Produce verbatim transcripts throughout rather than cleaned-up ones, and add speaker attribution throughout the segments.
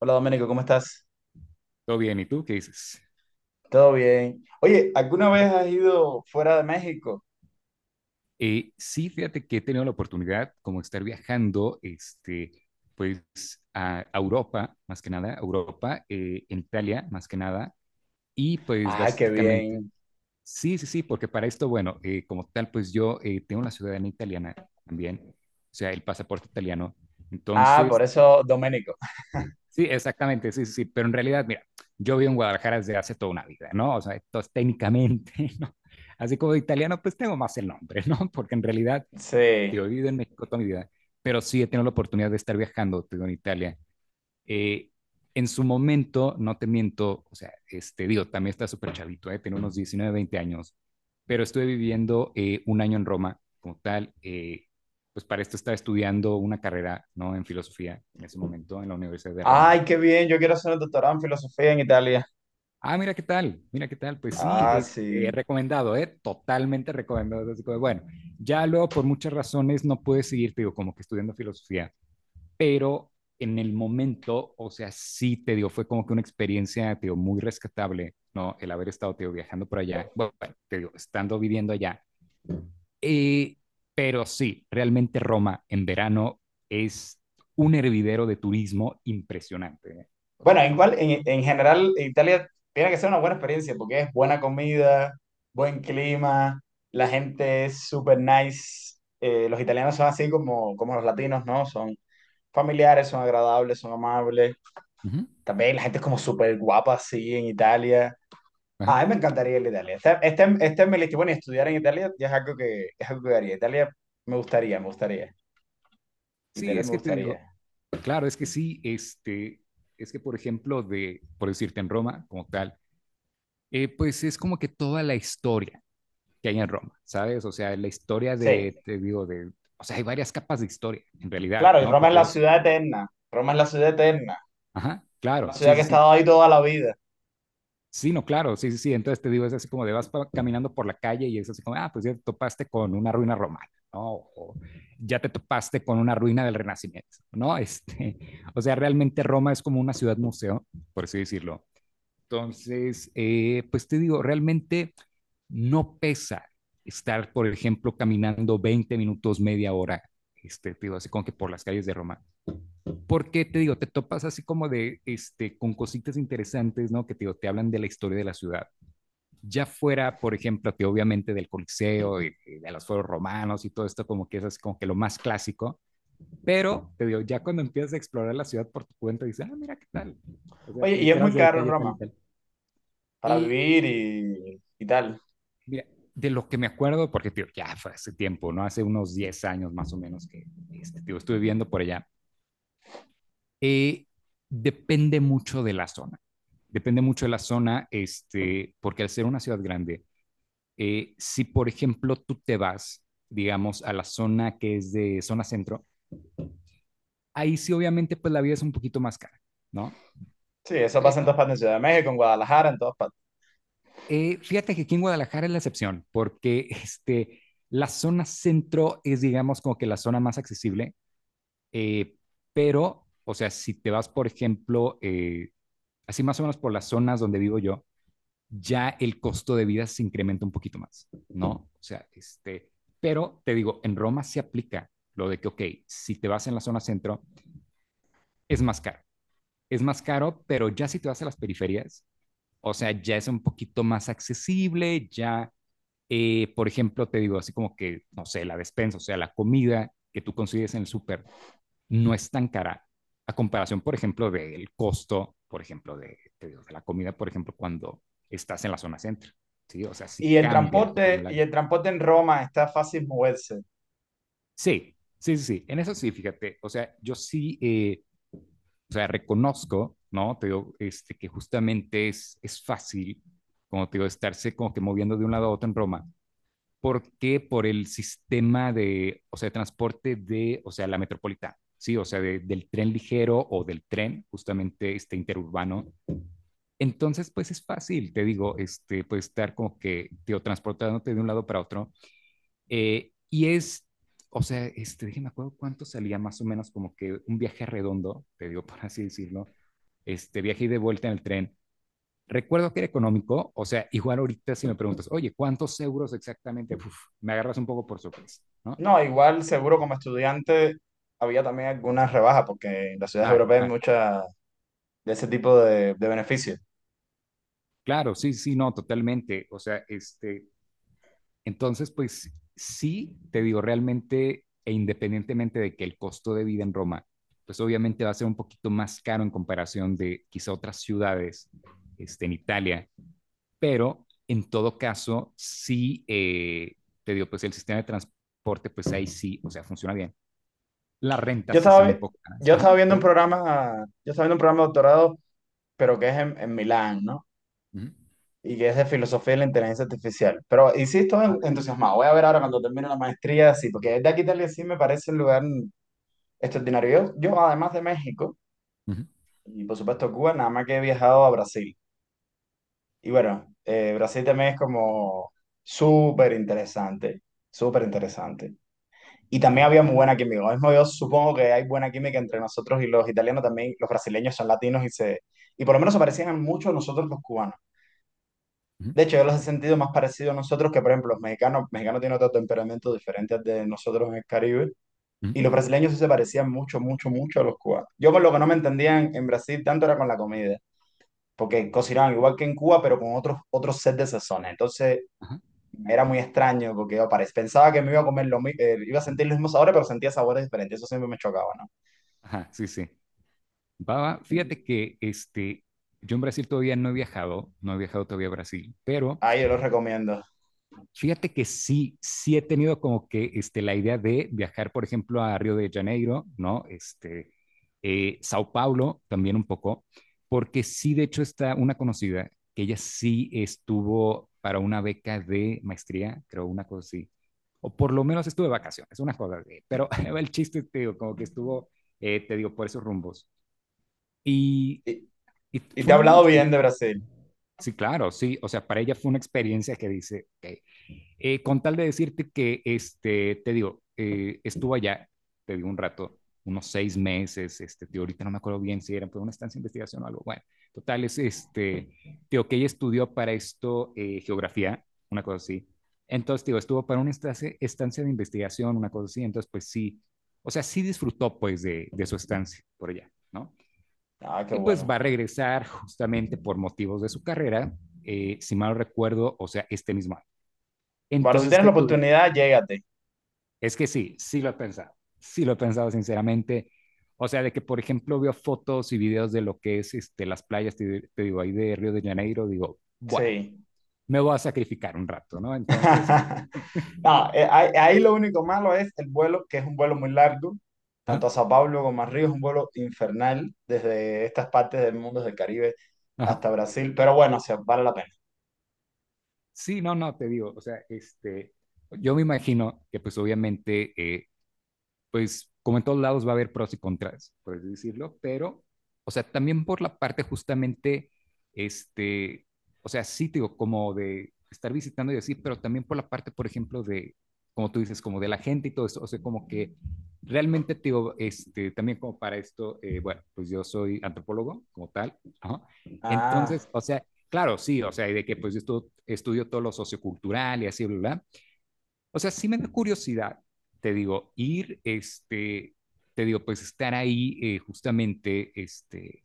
Speaker 1: Hola Doménico, ¿cómo estás?
Speaker 2: Todo bien, ¿y tú qué dices?
Speaker 1: ¿Todo bien? Oye, ¿alguna vez has ido fuera de México?
Speaker 2: Eh, sí, fíjate que he tenido la oportunidad como de estar viajando, este, pues a a Europa, más que nada, a Europa, eh, en Italia, más que nada, y pues
Speaker 1: Ay, qué
Speaker 2: básicamente,
Speaker 1: bien.
Speaker 2: sí, sí, sí, porque para esto, bueno, eh, como tal, pues yo eh, tengo la ciudadanía italiana también, o sea, el pasaporte italiano,
Speaker 1: Ah, por
Speaker 2: entonces,
Speaker 1: eso Doménico.
Speaker 2: sí, exactamente, sí, sí, sí, pero en realidad, mira, yo vivo en Guadalajara desde hace toda una vida, ¿no? O sea, entonces técnicamente, ¿no? Así como de italiano, pues tengo más el nombre, ¿no? Porque en realidad,
Speaker 1: Sí.
Speaker 2: digo, he vivido en México toda mi vida, pero sí he tenido la oportunidad de estar viajando, te digo, en Italia. Eh, en su momento, no te miento, o sea, este, digo, también está súper chavito, ¿eh? Tengo unos diecinueve, veinte años, pero estuve viviendo eh, un año en Roma como tal, eh, pues para esto estaba estudiando una carrera, ¿no? En filosofía en ese momento en la Universidad de Roma.
Speaker 1: Ay, qué bien, yo quiero hacer un doctorado en filosofía en Italia.
Speaker 2: Ah, mira qué tal, mira qué tal. Pues sí,
Speaker 1: Ah,
Speaker 2: este,
Speaker 1: sí.
Speaker 2: recomendado, ¿eh? Totalmente recomendado. Así como, bueno, ya luego por muchas razones no pude seguir, te digo, como que estudiando filosofía, pero en el momento, o sea, sí te digo, fue como que una experiencia, te digo, muy rescatable, ¿no? El haber estado, te digo, viajando por allá, bueno, te digo, estando viviendo allá. Eh, pero sí, realmente Roma en verano es un hervidero de turismo impresionante, ¿eh? O sea,
Speaker 1: Bueno,
Speaker 2: es.
Speaker 1: igual en, en general en Italia tiene que ser una buena experiencia porque es buena comida, buen clima, la gente es súper nice. Eh, los italianos son así como, como los latinos, ¿no? Son familiares, son agradables, son amables.
Speaker 2: Ujú.
Speaker 1: También la gente es como súper guapa así en Italia. A
Speaker 2: Ajá.
Speaker 1: mí me encantaría ir a Italia. Este, este, este es mi lista. Bueno, y estudiar en Italia ya es algo que, es algo que haría. Italia me gustaría, me gustaría.
Speaker 2: Sí,
Speaker 1: Italia
Speaker 2: es
Speaker 1: me
Speaker 2: que te digo,
Speaker 1: gustaría.
Speaker 2: claro, es que sí, este, es que por ejemplo, de, por decirte en Roma como tal, eh, pues es como que toda la historia que hay en Roma, ¿sabes? O sea, la historia de,
Speaker 1: Sí,
Speaker 2: te digo, de, o sea, hay varias capas de historia en realidad,
Speaker 1: claro, y
Speaker 2: ¿no?
Speaker 1: Roma es
Speaker 2: Porque
Speaker 1: la
Speaker 2: es,
Speaker 1: ciudad eterna. Roma es la ciudad eterna.
Speaker 2: ajá,
Speaker 1: Una
Speaker 2: claro,
Speaker 1: ciudad
Speaker 2: sí,
Speaker 1: que ha
Speaker 2: sí, sí.
Speaker 1: estado ahí toda la vida.
Speaker 2: Sí, no, claro, sí, sí, sí. Entonces te digo, es así como de vas pa- caminando por la calle y es así como, ah, pues ya te topaste con una ruina romana, ¿no? O ya te topaste con una ruina del Renacimiento, ¿no? Este, o sea, realmente Roma es como una ciudad museo, por así decirlo. Entonces, eh, pues te digo, realmente no pesa estar, por ejemplo, caminando veinte minutos, media hora, este, te digo, así como que por las calles de Roma. Porque te digo, te topas así como de, este, con cositas interesantes, ¿no? Que te digo, te hablan de la historia de la ciudad. Ya fuera, por ejemplo, te obviamente del Coliseo y, y de los foros romanos y todo esto, como que es así como que lo más clásico. Pero te digo, ya cuando empiezas a explorar la ciudad por tu cuenta, dices, ah, mira qué tal. O sea,
Speaker 1: Oye,
Speaker 2: te
Speaker 1: y es muy
Speaker 2: enteras de
Speaker 1: caro
Speaker 2: detalles tal y
Speaker 1: Roma
Speaker 2: tal.
Speaker 1: para
Speaker 2: Y
Speaker 1: vivir y, y tal.
Speaker 2: mira, de lo que me acuerdo, porque tío, ya fue hace tiempo, ¿no? Hace unos diez años más o menos que este, tío, estuve viviendo por allá. Eh, Depende mucho de la zona. Depende mucho de la zona, este, porque al ser una ciudad grande, eh, si por ejemplo tú te vas, digamos, a la zona que es de zona centro, ahí sí obviamente pues la vida es un poquito más cara, ¿no?
Speaker 1: Sí, eso pasa en todas
Speaker 2: Pero
Speaker 1: partes, en Ciudad de México, en Guadalajara, en todas partes.
Speaker 2: eh, fíjate que aquí en Guadalajara es la excepción, porque este, la zona centro es, digamos, como que la zona más accesible. Eh, pero, o sea, si te vas, por ejemplo, eh, así más o menos por las zonas donde vivo yo, ya el costo de vida se incrementa un poquito más, ¿no? O sea, este, pero te digo, en Roma se aplica lo de que, ok, si te vas en la zona centro, es más caro, es más caro, pero ya si te vas a las periferias, o sea, ya es un poquito más accesible, ya, eh, por ejemplo, te digo, así como que, no sé, la despensa, o sea, la comida que tú consigues en el súper, no es tan cara a comparación, por ejemplo, del costo, por ejemplo, de, de, de la comida, por ejemplo, cuando estás en la zona centro, ¿sí? O sea, sí
Speaker 1: Y el
Speaker 2: cambia conforme
Speaker 1: transporte, y
Speaker 2: la.
Speaker 1: el transporte en Roma está fácil moverse.
Speaker 2: Sí, sí, sí, sí, en eso sí, fíjate, o sea, yo sí, eh, o sea, reconozco, ¿no? Te digo, este, que justamente es, es fácil, como te digo, estarse como que moviendo de un lado a otro en Roma, porque por el sistema de, o sea, de transporte de, o sea, la metropolitana, ¿sí? O sea, de- del tren ligero o del tren, justamente este interurbano. Entonces, pues es fácil, te digo, este, pues estar como que, tío, transportándote de un lado para otro. Eh, y es, o sea, este, déjeme acuerdo cuánto salía más o menos como que un viaje redondo, te digo, por así decirlo, este viaje y de vuelta en el tren. Recuerdo que era económico, o sea, igual ahorita si me preguntas, oye, ¿cuántos euros exactamente? Uf, me agarras un poco por sorpresa, ¿no?
Speaker 1: No, igual seguro como estudiante había también algunas rebajas porque en las ciudades
Speaker 2: Claro,
Speaker 1: europeas hay
Speaker 2: claro,
Speaker 1: muchas de ese tipo de, de beneficios.
Speaker 2: claro, sí, sí, no, totalmente. O sea, este, entonces, pues sí, te digo, realmente e independientemente de que el costo de vida en Roma, pues obviamente va a ser un poquito más caro en comparación de quizá otras ciudades este, en Italia, pero en todo caso, sí, eh, te digo, pues el sistema de transporte, pues ahí sí, o sea, funciona bien. Las
Speaker 1: Yo
Speaker 2: rentas sí
Speaker 1: estaba,
Speaker 2: son un
Speaker 1: vi-
Speaker 2: poco caras.
Speaker 1: yo estaba
Speaker 2: Ajá,
Speaker 1: viendo un
Speaker 2: pero.
Speaker 1: programa, yo estaba viendo un programa de doctorado, pero que es en, en Milán, ¿no?
Speaker 2: Ujú.
Speaker 1: Y que es de filosofía de la inteligencia artificial. Pero y sí estoy
Speaker 2: Ah,
Speaker 1: en-
Speaker 2: mira.
Speaker 1: entusiasmado. Voy a ver ahora cuando termine la maestría, sí, porque de aquí a Italia sí me parece un lugar extraordinario. Yo, yo además de México
Speaker 2: Ujú,
Speaker 1: y por supuesto Cuba, nada más que he viajado a Brasil. Y bueno, eh, Brasil también es como súper interesante, súper interesante. Y
Speaker 2: va,
Speaker 1: también había
Speaker 2: va.
Speaker 1: muy buena química. Lo mismo yo supongo que hay buena química entre nosotros y los italianos también. Los brasileños son latinos y se... Y por lo menos se parecían mucho a nosotros los cubanos.
Speaker 2: Ujú,
Speaker 1: De hecho, yo los he sentido más parecidos a nosotros que, por ejemplo, los mexicanos. Los mexicanos tienen otro temperamento diferente al de nosotros en el Caribe.
Speaker 2: ujú,
Speaker 1: Y los brasileños sí se parecían mucho, mucho, mucho a los cubanos. Yo con lo que no me entendían en Brasil tanto era con la comida porque cocinaban igual que en Cuba, pero con otros, otros set de sazones. Entonces,
Speaker 2: ajá,
Speaker 1: era muy extraño porque yo pare- pensaba que me iba a comer lo mi- eh, iba a sentir los mismos sabores, pero sentía sabores diferentes. Eso siempre me chocaba, ¿no?
Speaker 2: ajá, sí, sí. Va, va. Fíjate que este, yo en Brasil todavía no he viajado, no he viajado todavía a Brasil, pero
Speaker 1: Ahí yo lo recomiendo.
Speaker 2: fíjate que sí, sí he tenido como que este, la idea de viajar, por ejemplo, a Río de Janeiro, ¿no? Este, eh, Sao Paulo también un poco, porque sí, de hecho, está una conocida que ella sí estuvo para una beca de maestría, creo, una cosa así, o por lo menos estuvo de vacaciones, una cosa así, pero el chiste, te digo, como que estuvo, eh, te digo, por esos rumbos. Y,
Speaker 1: Y,
Speaker 2: y
Speaker 1: y te
Speaker 2: fue
Speaker 1: he
Speaker 2: una buena
Speaker 1: hablado bien
Speaker 2: experiencia.
Speaker 1: de Brasil.
Speaker 2: Sí, claro, sí, o sea, para ella fue una experiencia que dice, ok, eh, con tal de decirte que, este, te digo, eh, estuvo allá, te digo un rato, unos seis meses, este, tío, ahorita no me acuerdo bien si era por una estancia de investigación o algo, bueno, total, es este, tío, que ella estudió para esto eh, geografía, una cosa así, entonces, tío, estuvo para una estancia, estancia de investigación, una cosa así, entonces, pues sí, o sea, sí disfrutó, pues, de, de su estancia por allá, ¿no?
Speaker 1: Ah, qué
Speaker 2: Y pues va a
Speaker 1: bueno.
Speaker 2: regresar justamente por motivos de su carrera, eh, si mal no recuerdo, o sea, este mismo año.
Speaker 1: Bueno, si
Speaker 2: Entonces,
Speaker 1: tienes
Speaker 2: ¿qué,
Speaker 1: la
Speaker 2: tú?
Speaker 1: oportunidad, llégate.
Speaker 2: Es que sí, sí lo he pensado, sí lo he pensado sinceramente. O sea, de que, por ejemplo, veo fotos y videos de lo que es este, las playas, te, te digo, ahí de Río de Janeiro, digo, bueno,
Speaker 1: Sí.
Speaker 2: me voy a sacrificar un rato, ¿no? Entonces,
Speaker 1: No, eh, ahí, ahí lo único malo es el vuelo, que es un vuelo muy largo,
Speaker 2: ajá,
Speaker 1: tanto a Sao Paulo como a Río, es un vuelo infernal desde estas partes del mundo del Caribe
Speaker 2: ajá.
Speaker 1: hasta Brasil, pero bueno, o sea, vale la pena.
Speaker 2: Sí, no, no, te digo, o sea, este, yo me imagino que pues obviamente eh, pues como en todos lados va a haber pros y contras, por así decirlo, pero, o sea, también por la parte justamente, este, o sea, sí, digo, como de estar visitando y así, pero también por la parte, por ejemplo, de, como tú dices, como de la gente y todo eso, o sea, como que realmente, digo, este, también como para esto, eh, bueno, pues yo soy antropólogo como tal, ajá.
Speaker 1: Ah.
Speaker 2: Entonces, o sea, claro, sí, o sea, y de que pues yo estu- estudio todo lo sociocultural y así, bla, bla, o sea, sí me da curiosidad, te digo, ir, este, te digo, pues estar ahí eh, justamente, este,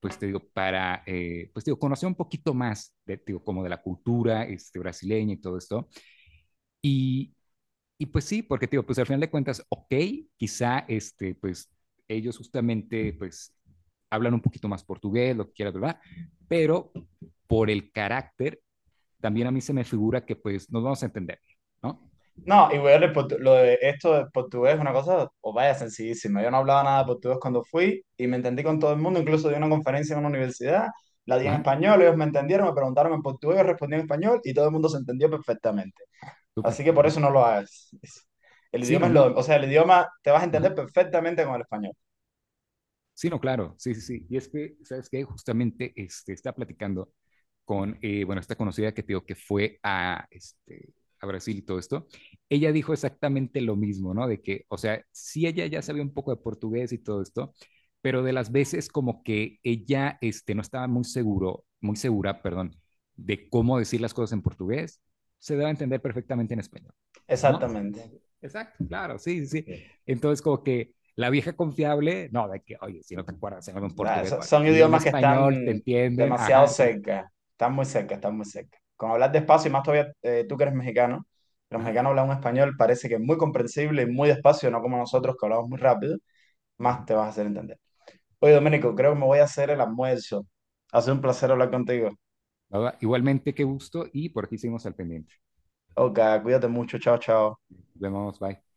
Speaker 2: pues te digo, para, eh, pues te digo, conocer un poquito más, de, te digo, como de la cultura este, brasileña y todo esto. Y, y pues sí, porque te digo, pues al final de cuentas, ok, quizá, este, pues ellos justamente, pues hablan un poquito más portugués, lo que quieras, ¿verdad? Pero por el carácter, también a mí se me figura que pues nos vamos a entender, ¿no?
Speaker 1: No, y weón, el portu- lo de esto de portugués es una cosa, o vaya, sencillísima. Yo no hablaba nada de portugués cuando fui y me entendí con todo el mundo, incluso di una conferencia en una universidad, la di en
Speaker 2: Ajá,
Speaker 1: español, ellos me entendieron, me preguntaron en portugués, yo respondí en español y todo el mundo se entendió perfectamente. Así
Speaker 2: súper.
Speaker 1: que por eso no lo hagas. El
Speaker 2: Sí,
Speaker 1: idioma
Speaker 2: no,
Speaker 1: es
Speaker 2: no.
Speaker 1: lo, o sea, el idioma te vas a
Speaker 2: Ajá.
Speaker 1: entender perfectamente con el español.
Speaker 2: Sí, no, claro. Sí, sí, sí. Y es que, ¿sabes qué? Justamente este, está platicando con, eh, bueno, esta conocida que te digo que fue a, este, a Brasil y todo esto. Ella dijo exactamente lo mismo, ¿no? De que, o sea, sí, ella ya sabía un poco de portugués y todo esto, pero de las veces como que ella este, no estaba muy seguro, muy segura, perdón, de cómo decir las cosas en portugués, se daba a entender perfectamente en español. ¿No?
Speaker 1: Exactamente.
Speaker 2: Entonces, exacto, claro, sí, sí, sí. Entonces, como que la vieja confiable, no, de que, oye, si no te acuerdas, se llama en
Speaker 1: Ah,
Speaker 2: portugués,
Speaker 1: so-
Speaker 2: bueno,
Speaker 1: Son
Speaker 2: dilo en
Speaker 1: idiomas que están
Speaker 2: español, te entienden,
Speaker 1: demasiado
Speaker 2: ajá, sí,
Speaker 1: cerca, están muy cerca, están muy cerca. Con hablar despacio, y más todavía eh, tú que eres mexicano, los
Speaker 2: ajá.
Speaker 1: mexicanos hablan un español, parece que es muy comprensible y muy despacio, no como nosotros que hablamos muy rápido, más te vas a hacer entender. Oye, Domenico, creo que me voy a hacer el almuerzo. Ha sido un placer hablar contigo.
Speaker 2: Nada, igualmente, qué gusto y por aquí seguimos al pendiente.
Speaker 1: Ok, cuídate mucho, chao, chao.
Speaker 2: Nos vemos, bye.